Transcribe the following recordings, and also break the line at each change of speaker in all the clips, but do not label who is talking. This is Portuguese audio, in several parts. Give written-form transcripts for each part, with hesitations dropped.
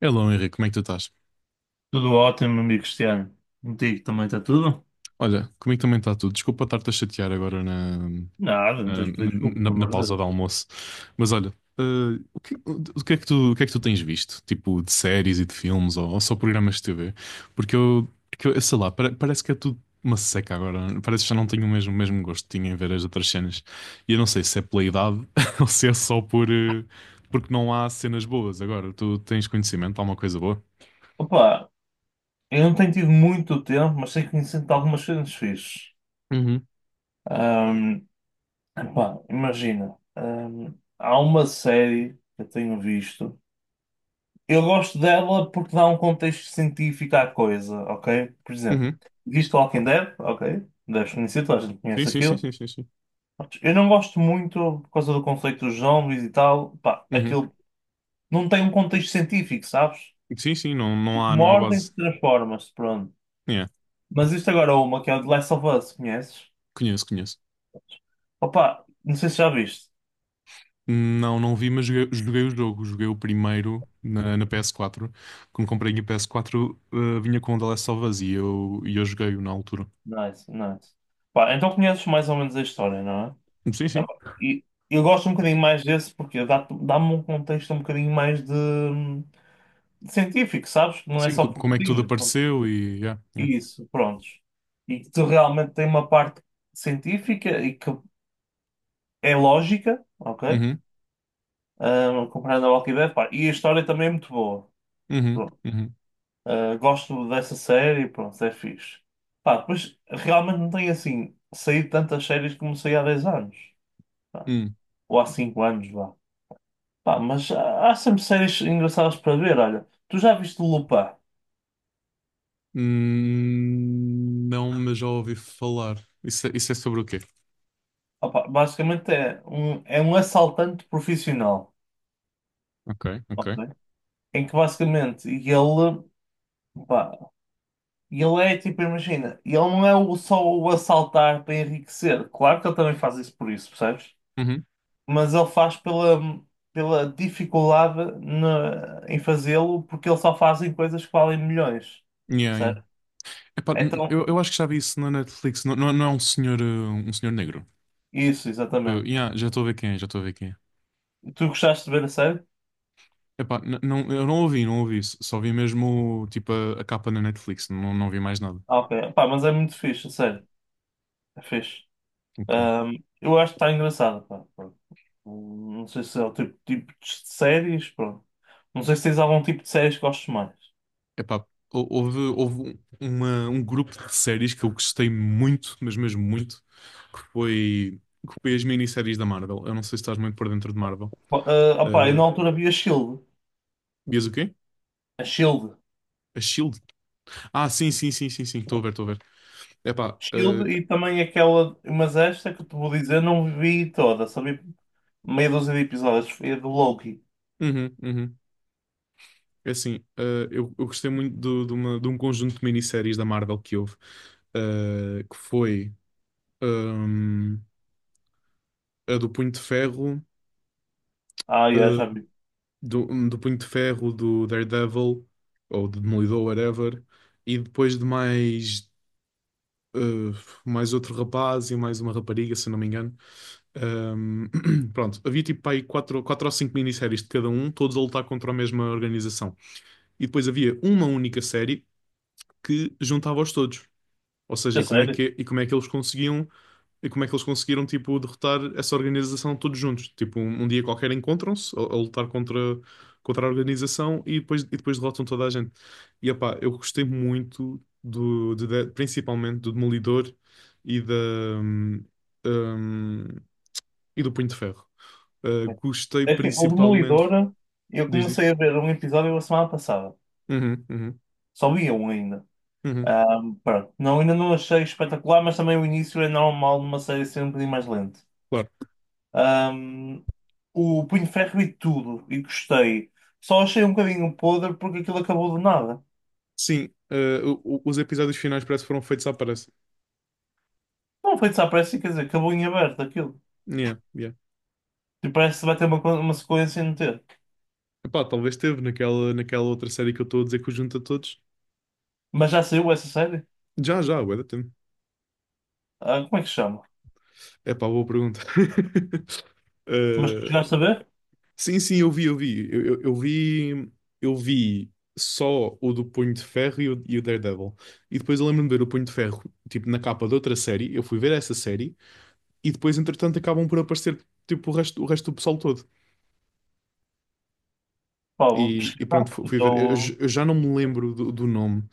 Hello, Henrique, como é que tu estás?
Tudo ótimo, amigo Cristiano. Contigo também está tudo?
Olha, comigo também está tudo. Desculpa estar-te a chatear agora na, na,
Nada, não tens de pedir desculpa,
na-
pelo
na
amor de
pausa do
Deus.
almoço. Mas olha, eh, o que é que tu, o que é que tu tens visto? Tipo, de séries e de filmes ou só programas de TV? Porque eu sei lá, parece que é tudo uma seca agora. Parece que já não tenho o mesmo gosto que tinha em ver as outras cenas. E eu não sei se é pela idade ou se é só porque não há cenas boas agora. Tu tens conhecimento, há uma coisa boa?
Opa, eu não tenho tido muito tempo, mas sei que me sinto algumas coisas fixes.
Uhum,
Ahm, epá, imagina, há uma série que eu tenho visto. Eu gosto dela porque dá um contexto científico à coisa, ok? Por exemplo,
uhum.
viste Walking Dead? Ok, deves conhecer, toda a gente
Sim,
conhece
sim, sim,
aquilo.
sim, sim, sim.
Eu não gosto muito por causa do conceito dos zombies e tal. Pá,
Uhum.
aquilo não tem um contexto científico, sabes?
Sim, sim, não, não há,
Uma
não há
ordem
base.
que transforma-se, pronto.
É,
Mas isto agora é uma que é o The Last of Us, conheces?
conheço, conheço.
Opa, não sei se já viste.
Não, não vi, mas joguei o jogo. Joguei o primeiro na PS4. Quando comprei a PS4 vinha com o The Last of Us e eu joguei-o na altura.
Nice, nice. Pá, então conheces mais ou menos a história, não é?
Sim, sim.
Ah, pá, e eu gosto um bocadinho mais desse porque dá-me um contexto um bocadinho mais de científico, sabes? Não é
Sim,
só
como é que tudo
pouquinho.
apareceu. Yeah, yeah.
Isso, prontos. E que tu realmente tem uma parte científica e que é lógica, ok?
Uhum,
Ah, comparando ao Walking Dead, pá. E a história também é muito boa.
uhum,
Pronto.
uhum,
Gosto dessa série, pronto, é fixe. Pá, depois realmente não tenho assim saído tantas séries como saí há 10 anos, pá,
hum.
ou há 5 anos, vá. Pá, mas há sempre séries engraçadas para ver. Olha, tu já viste o Lupin?
Não, mas já ouvi falar. Isso, isso é sobre o quê?
Opa, basicamente é um assaltante profissional,
Ok, ok.
ok? Em que basicamente ele, pá, ele é tipo, imagina, ele não é só o assaltar para enriquecer, claro que ele também faz isso por isso, percebes?
Uhum.
Mas ele faz pela dificuldade em fazê-lo, porque ele só fazem coisas que valem milhões,
Yeah, yeah.
percebe?
Epá, n-
Então,
eu, eu acho que já vi isso na Netflix. Não, não, não é um senhor negro.
isso, exatamente.
Yeah, já estou a ver quem é, já estou a ver quem é.
Tu gostaste de ver a série?
Epá, não, eu não ouvi isso. Só vi mesmo tipo a capa na Netflix, não vi mais nada.
Ah, ok, pá, mas é muito fixe, a série, é fixe.
Ok.
Eu acho que está engraçado, pá, pronto. Não sei se é o tipo de séries, pronto. Não sei se tens algum tipo de séries que gostes mais.
Epá, houve um grupo de séries que eu gostei muito, mas mesmo muito, que foi, que foi as minisséries da Marvel. Eu não sei se estás muito por dentro de Marvel.
Bom, ah, opá, eu na
Uh,
altura vi a Shield,
Vias o quê?
a Shield.
A Shield? Ah, sim, sim, sim, sim, sim. Estou a ver, estou a ver. Epá,
Shield e também aquela, mas esta que eu te vou dizer, não vi toda, só vi meia dúzia de episódios. Foi do Loki.
uhum, uhum. É assim, eu gostei muito de um conjunto de minisséries da Marvel que houve, que foi hum, a do Punho de Ferro,
Ah, já,
eh,
já vi.
do Punho de Ferro, do Daredevil, ou do Demolidor, whatever, e depois eh, mais outro rapaz e mais uma rapariga, se eu não me engano. Hum, Pronto, havia tipo aí quatro, quatro ou cinco minisséries de cada um, todos a lutar contra a mesma organização. E depois havia uma única série que juntava-os todos. Ou seja,
É sério?
e como é que eles conseguiram, tipo, derrotar essa organização todos juntos? Tipo, um dia qualquer encontram-se a lutar contra a organização e depois, derrotam toda a gente. Epá, eu gostei muito principalmente do Demolidor e da, hum, hum, e do Punho de Ferro. Gostei
É que o
principalmente.
Demolidor, eu
Diz, diz.
comecei a ver um episódio a semana passada.
Uhum, uhum,
Só vi um ainda.
uhum,
Pronto. Não, ainda não achei espetacular, mas também o início é normal numa série ser um bocadinho mais lento.
claro.
Ahm, o Punho de Ferro e tudo, e gostei. Só achei um bocadinho podre porque aquilo acabou do nada.
Sim, os episódios finais parece que foram feitos à pressa.
Não foi desaparecido, quer dizer, acabou em aberto aquilo.
Yeah, yeah.
E parece que vai ter uma, uma sequência e não ter.
Epá, talvez teve naquela outra série que eu estou a dizer que o junta todos.
Mas já saiu essa série?
Já, já, bué da tempo.
Ah, como é que se chama?
Epá, boa pergunta.
Mas tu
Eh,
chegaste a ver?
sim, sim, eu vi. Eu vi só o do Punho de Ferro e o Daredevil. E depois eu lembro-me de ver o Punho de Ferro, tipo, na capa de outra série. Eu fui ver essa série e depois, entretanto, acabam por aparecer, tipo, o resto do pessoal todo.
Pá, vou
E
pesquisar,
pronto,
porque
fui ver. Eu, j-
estou.
eu já não me lembro do nome.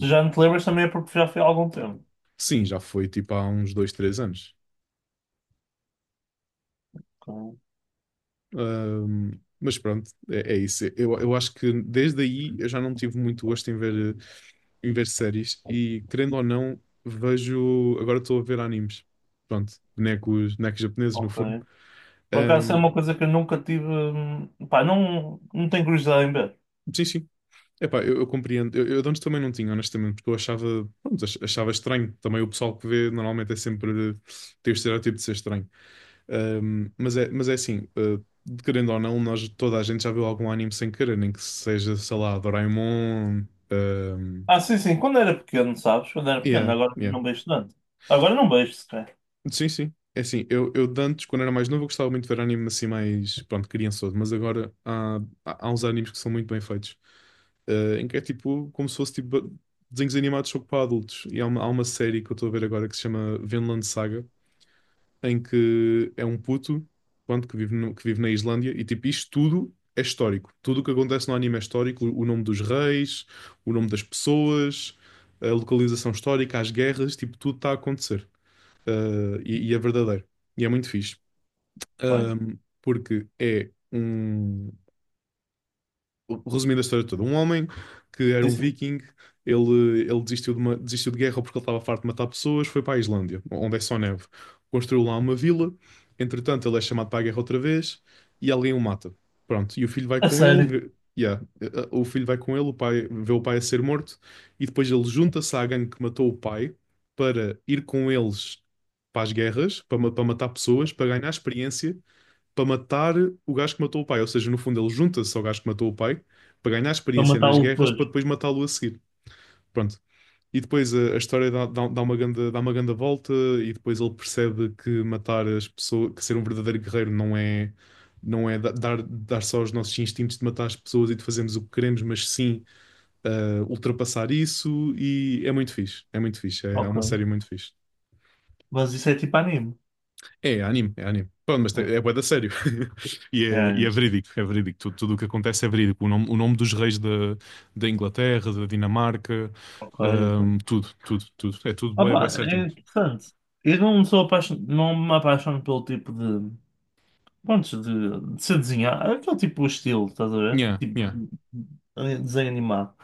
Se já não te lembras também é porque já foi há algum tempo.
sim, já foi, tipo, há uns 2, 3 anos.
Ok.
Mas pronto, é isso. Eu acho que desde aí eu já não tive muito gosto em ver séries e, querendo ou não, vejo. Agora estou a ver animes. Pronto, bonecos, bonecos japoneses, no
Ok.
fundo.
Por acaso é
Ahm,
uma coisa que eu nunca tive. Pá, não, não tenho curiosidade em ver.
sim, sim. Epá, eu compreendo. Eu de antes também não tinha, honestamente, porque eu achava, pronto, achava estranho. Também o pessoal que vê normalmente é sempre. Tem o estereótipo de ser estranho. Mas é assim, querendo ou não, toda a gente já viu algum anime sem querer, nem que seja, sei lá, Doraemon. um,
Ah, sim, sim, quando era pequeno, sabes? Quando era pequeno,
yeah,
agora
yeah.
não vejo tanto. Agora não vejo sequer.
Sim, sim. É assim, eu de antes, quando era mais novo, eu gostava muito de ver anime assim, mais, pronto, criançudo, mas agora há uns animes que são muito bem feitos, em que é tipo, como se fosse tipo desenhos animados só que para adultos. E há uma série que eu estou a ver agora que se chama Vinland Saga, em que é um puto, pronto, que vive, no- que vive na Islândia, e tipo, isto tudo é histórico. Tudo o que acontece no anime é histórico, o nome dos reis, o nome das pessoas, a localização histórica, as guerras, tipo, tudo está a acontecer. Ah, e é verdadeiro. E é muito fixe.
Bem,
Porque é um Resumindo a história toda, um homem que era
sim,
um
sim.
viking, ele desistiu de guerra porque ele estava farto de matar pessoas, foi para a Islândia, onde é só neve. Construiu lá uma vila, entretanto ele é chamado para a guerra outra vez e alguém o mata. Pronto, e o filho vai
A
com ele,
sério,
yeah, o filho vai com ele, o pai, vê o pai a ser morto e depois ele junta-se à gangue que matou o pai para ir com eles para as guerras, para matar pessoas, para ganhar experiência para matar o gajo que matou o pai. Ou seja, no fundo, ele junta-se ao gajo que matou o pai para ganhar
para
experiência nas
matá-lo
guerras
depois.
para depois matá-lo a seguir. Pronto. E depois a história dá uma grande volta e depois ele percebe que matar as pessoas, que ser um verdadeiro guerreiro não é dar só aos nossos instintos de matar as pessoas e de fazermos o que queremos, mas sim ultrapassar isso e é muito fixe. É muito fixe. É uma
Ok.
série muito fixe.
Mas isso é tipo anime.
É anime, é anime. Pronto, mas
É,
é bué da sério. E
é,
é, e é
é.
verídico, é verídico. Tudo o que acontece é verídico. O nome dos reis da Inglaterra, da Dinamarca,
Ok, ok.
tudo, tudo, tudo. É tudo
Ah,
bué, bué
pá,
certinho.
é interessante. Eu não me apaixono pelo tipo de. Prontos, de ser desenhar, aquele tipo de estilo, estás a ver?
Yeah, yeah.
Tipo, desenho animado.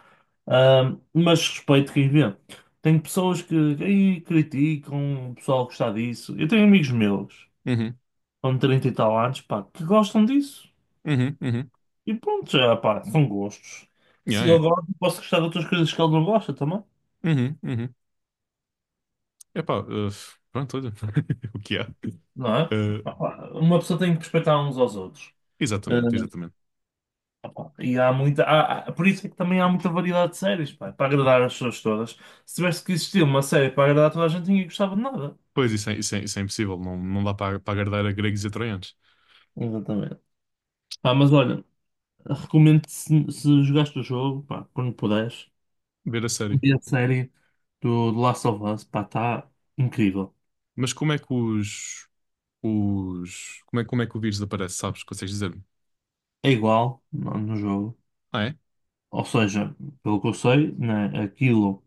Mas respeito quem vê. Tem pessoas que aí criticam, o pessoal gostar disso. Eu tenho amigos meus,
Uhum,
com 30 e tal anos, pá, que gostam disso.
uhum, uhum.
E pronto, já, pá, são gostos.
Yeah,
Se eu
é.
gosto, posso gostar de outras coisas que ele não gosta também,
Uhum, uhum. Epá, pronto, olha. O que é?
não é?
Uh,
Pá, uma pessoa tem que respeitar uns aos outros. Ah,
Exatamente, exatamente.
e há muita, há- há- por isso é que também há muita variedade de séries, pá, para agradar as pessoas todas. Se tivesse que existir uma série para agradar toda a gente, ninguém gostava de nada.
Pois, isso é impossível. Não, não dá para agradar a gregos e a troianos.
Exatamente. Pá, mas olha, recomendo se jogaste o jogo, pá, quando puderes,
Ver a série.
ver a série do Last of Us, pá, está incrível.
Mas como é que como é que o vírus aparece, sabes? Consegues dizer-me?
É igual no jogo.
Ah, é?
Ou seja, pelo que eu sei, né, aquilo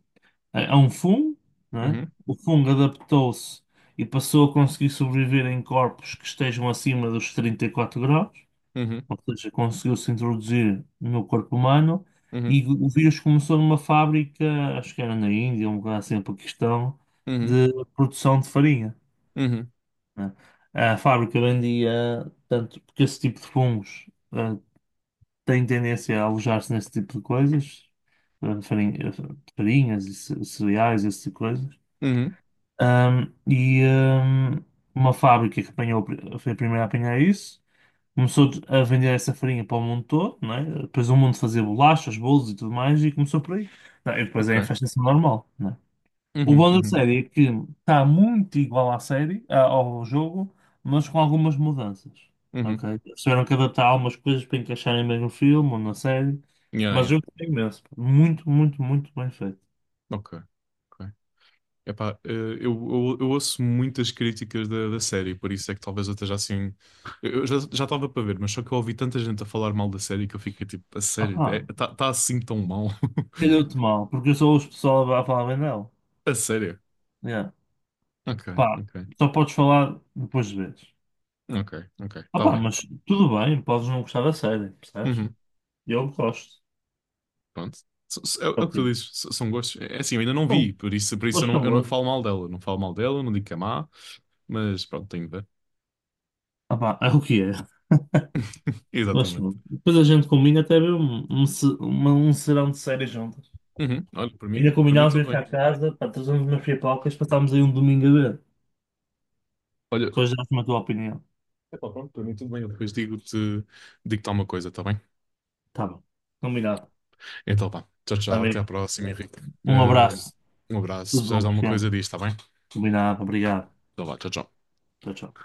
é um fungo, né?
Uhum,
O fungo adaptou-se e passou a conseguir sobreviver em corpos que estejam acima dos 34 graus.
uhum,
Ou seja, conseguiu-se introduzir no corpo humano
uhum,
e o vírus começou numa fábrica, acho que era na Índia, um lugar assim, no Paquistão,
uhum,
de produção de farinha.
uhum,
Né? A fábrica vendia, tanto porque esse tipo de fungos eh, tem tendência a alojar-se nesse tipo de coisas, eh, farinha- eh, farinhas e cereais, esse tipo de coisas.
uhum,
E uma fábrica que apanhou, foi a primeira a apanhar isso. Começou a vender essa farinha para o mundo todo, não é? Depois o mundo fazia bolachas, bolos e tudo mais, e começou por aí. Não, e depois é
ok.
a infestação normal, não é? O
Uhum,
bom da
uhum,
série é que está muito igual à série, ao jogo, mas com algumas mudanças,
uhum.
ok? Eles tiveram que adaptar algumas coisas para encaixarem mesmo no filme ou na série,
Yeah,
mas
yeah.
eu gostei imenso. Muito, muito, muito bem feito.
Ok, ok. Epá, eu ouço muitas críticas da série, por isso é que talvez eu esteja assim. Eu já estava para ver, mas só que eu ouvi tanta gente a falar mal da série que eu fiquei tipo, a
Ah,
sério,
pá,
está assim tão mal.
calhou-te mal, porque eu só ouço o pessoal a falar bem dela.
A sério.
Yeah.
Ok,
Pá,
ok,
só podes falar depois de ver.
ok, ok. Está
Opa,
bem.
mas tudo bem, podes não gostar da série, percebes?
Uhum.
Eu gosto.
Pronto. É o
É
é o
o
que
que
tu
é.
dizes, são gostos. É assim, eu ainda não
Bom,
vi, por isso, eu
gosto
não,
não
eu não
gosto.
falo mal dela. Não falo mal dela, não digo que é má, mas pronto, tenho de ver.
Opa, é o que é. Gosto
Exatamente.
muito. Depois a gente combina até ver um serão de séries juntas.
Uhum. Olha, para mim,
Ainda
para mim
combinámos
tudo
vir cá
bem.
a casa, pá, trazemos umas pipocas, passámos aí um domingo a ver.
Olha,
Depois dás-me a tua opinião.
epá, pronto, para mim tudo bem. Eu depois digo-te alguma coisa, está bem?
Tá bom. Combinado.
Então vá, tchau, tchau, até à
Amigo,
próxima, Henrique.
um
Eh,
abraço.
Um abraço, se
Tudo
precisares
bom,
de alguma coisa
Cristiano?
diz, está bem?
Combinado. Obrigado.
Então vá, tchau, tchau.
Tchau, tchau.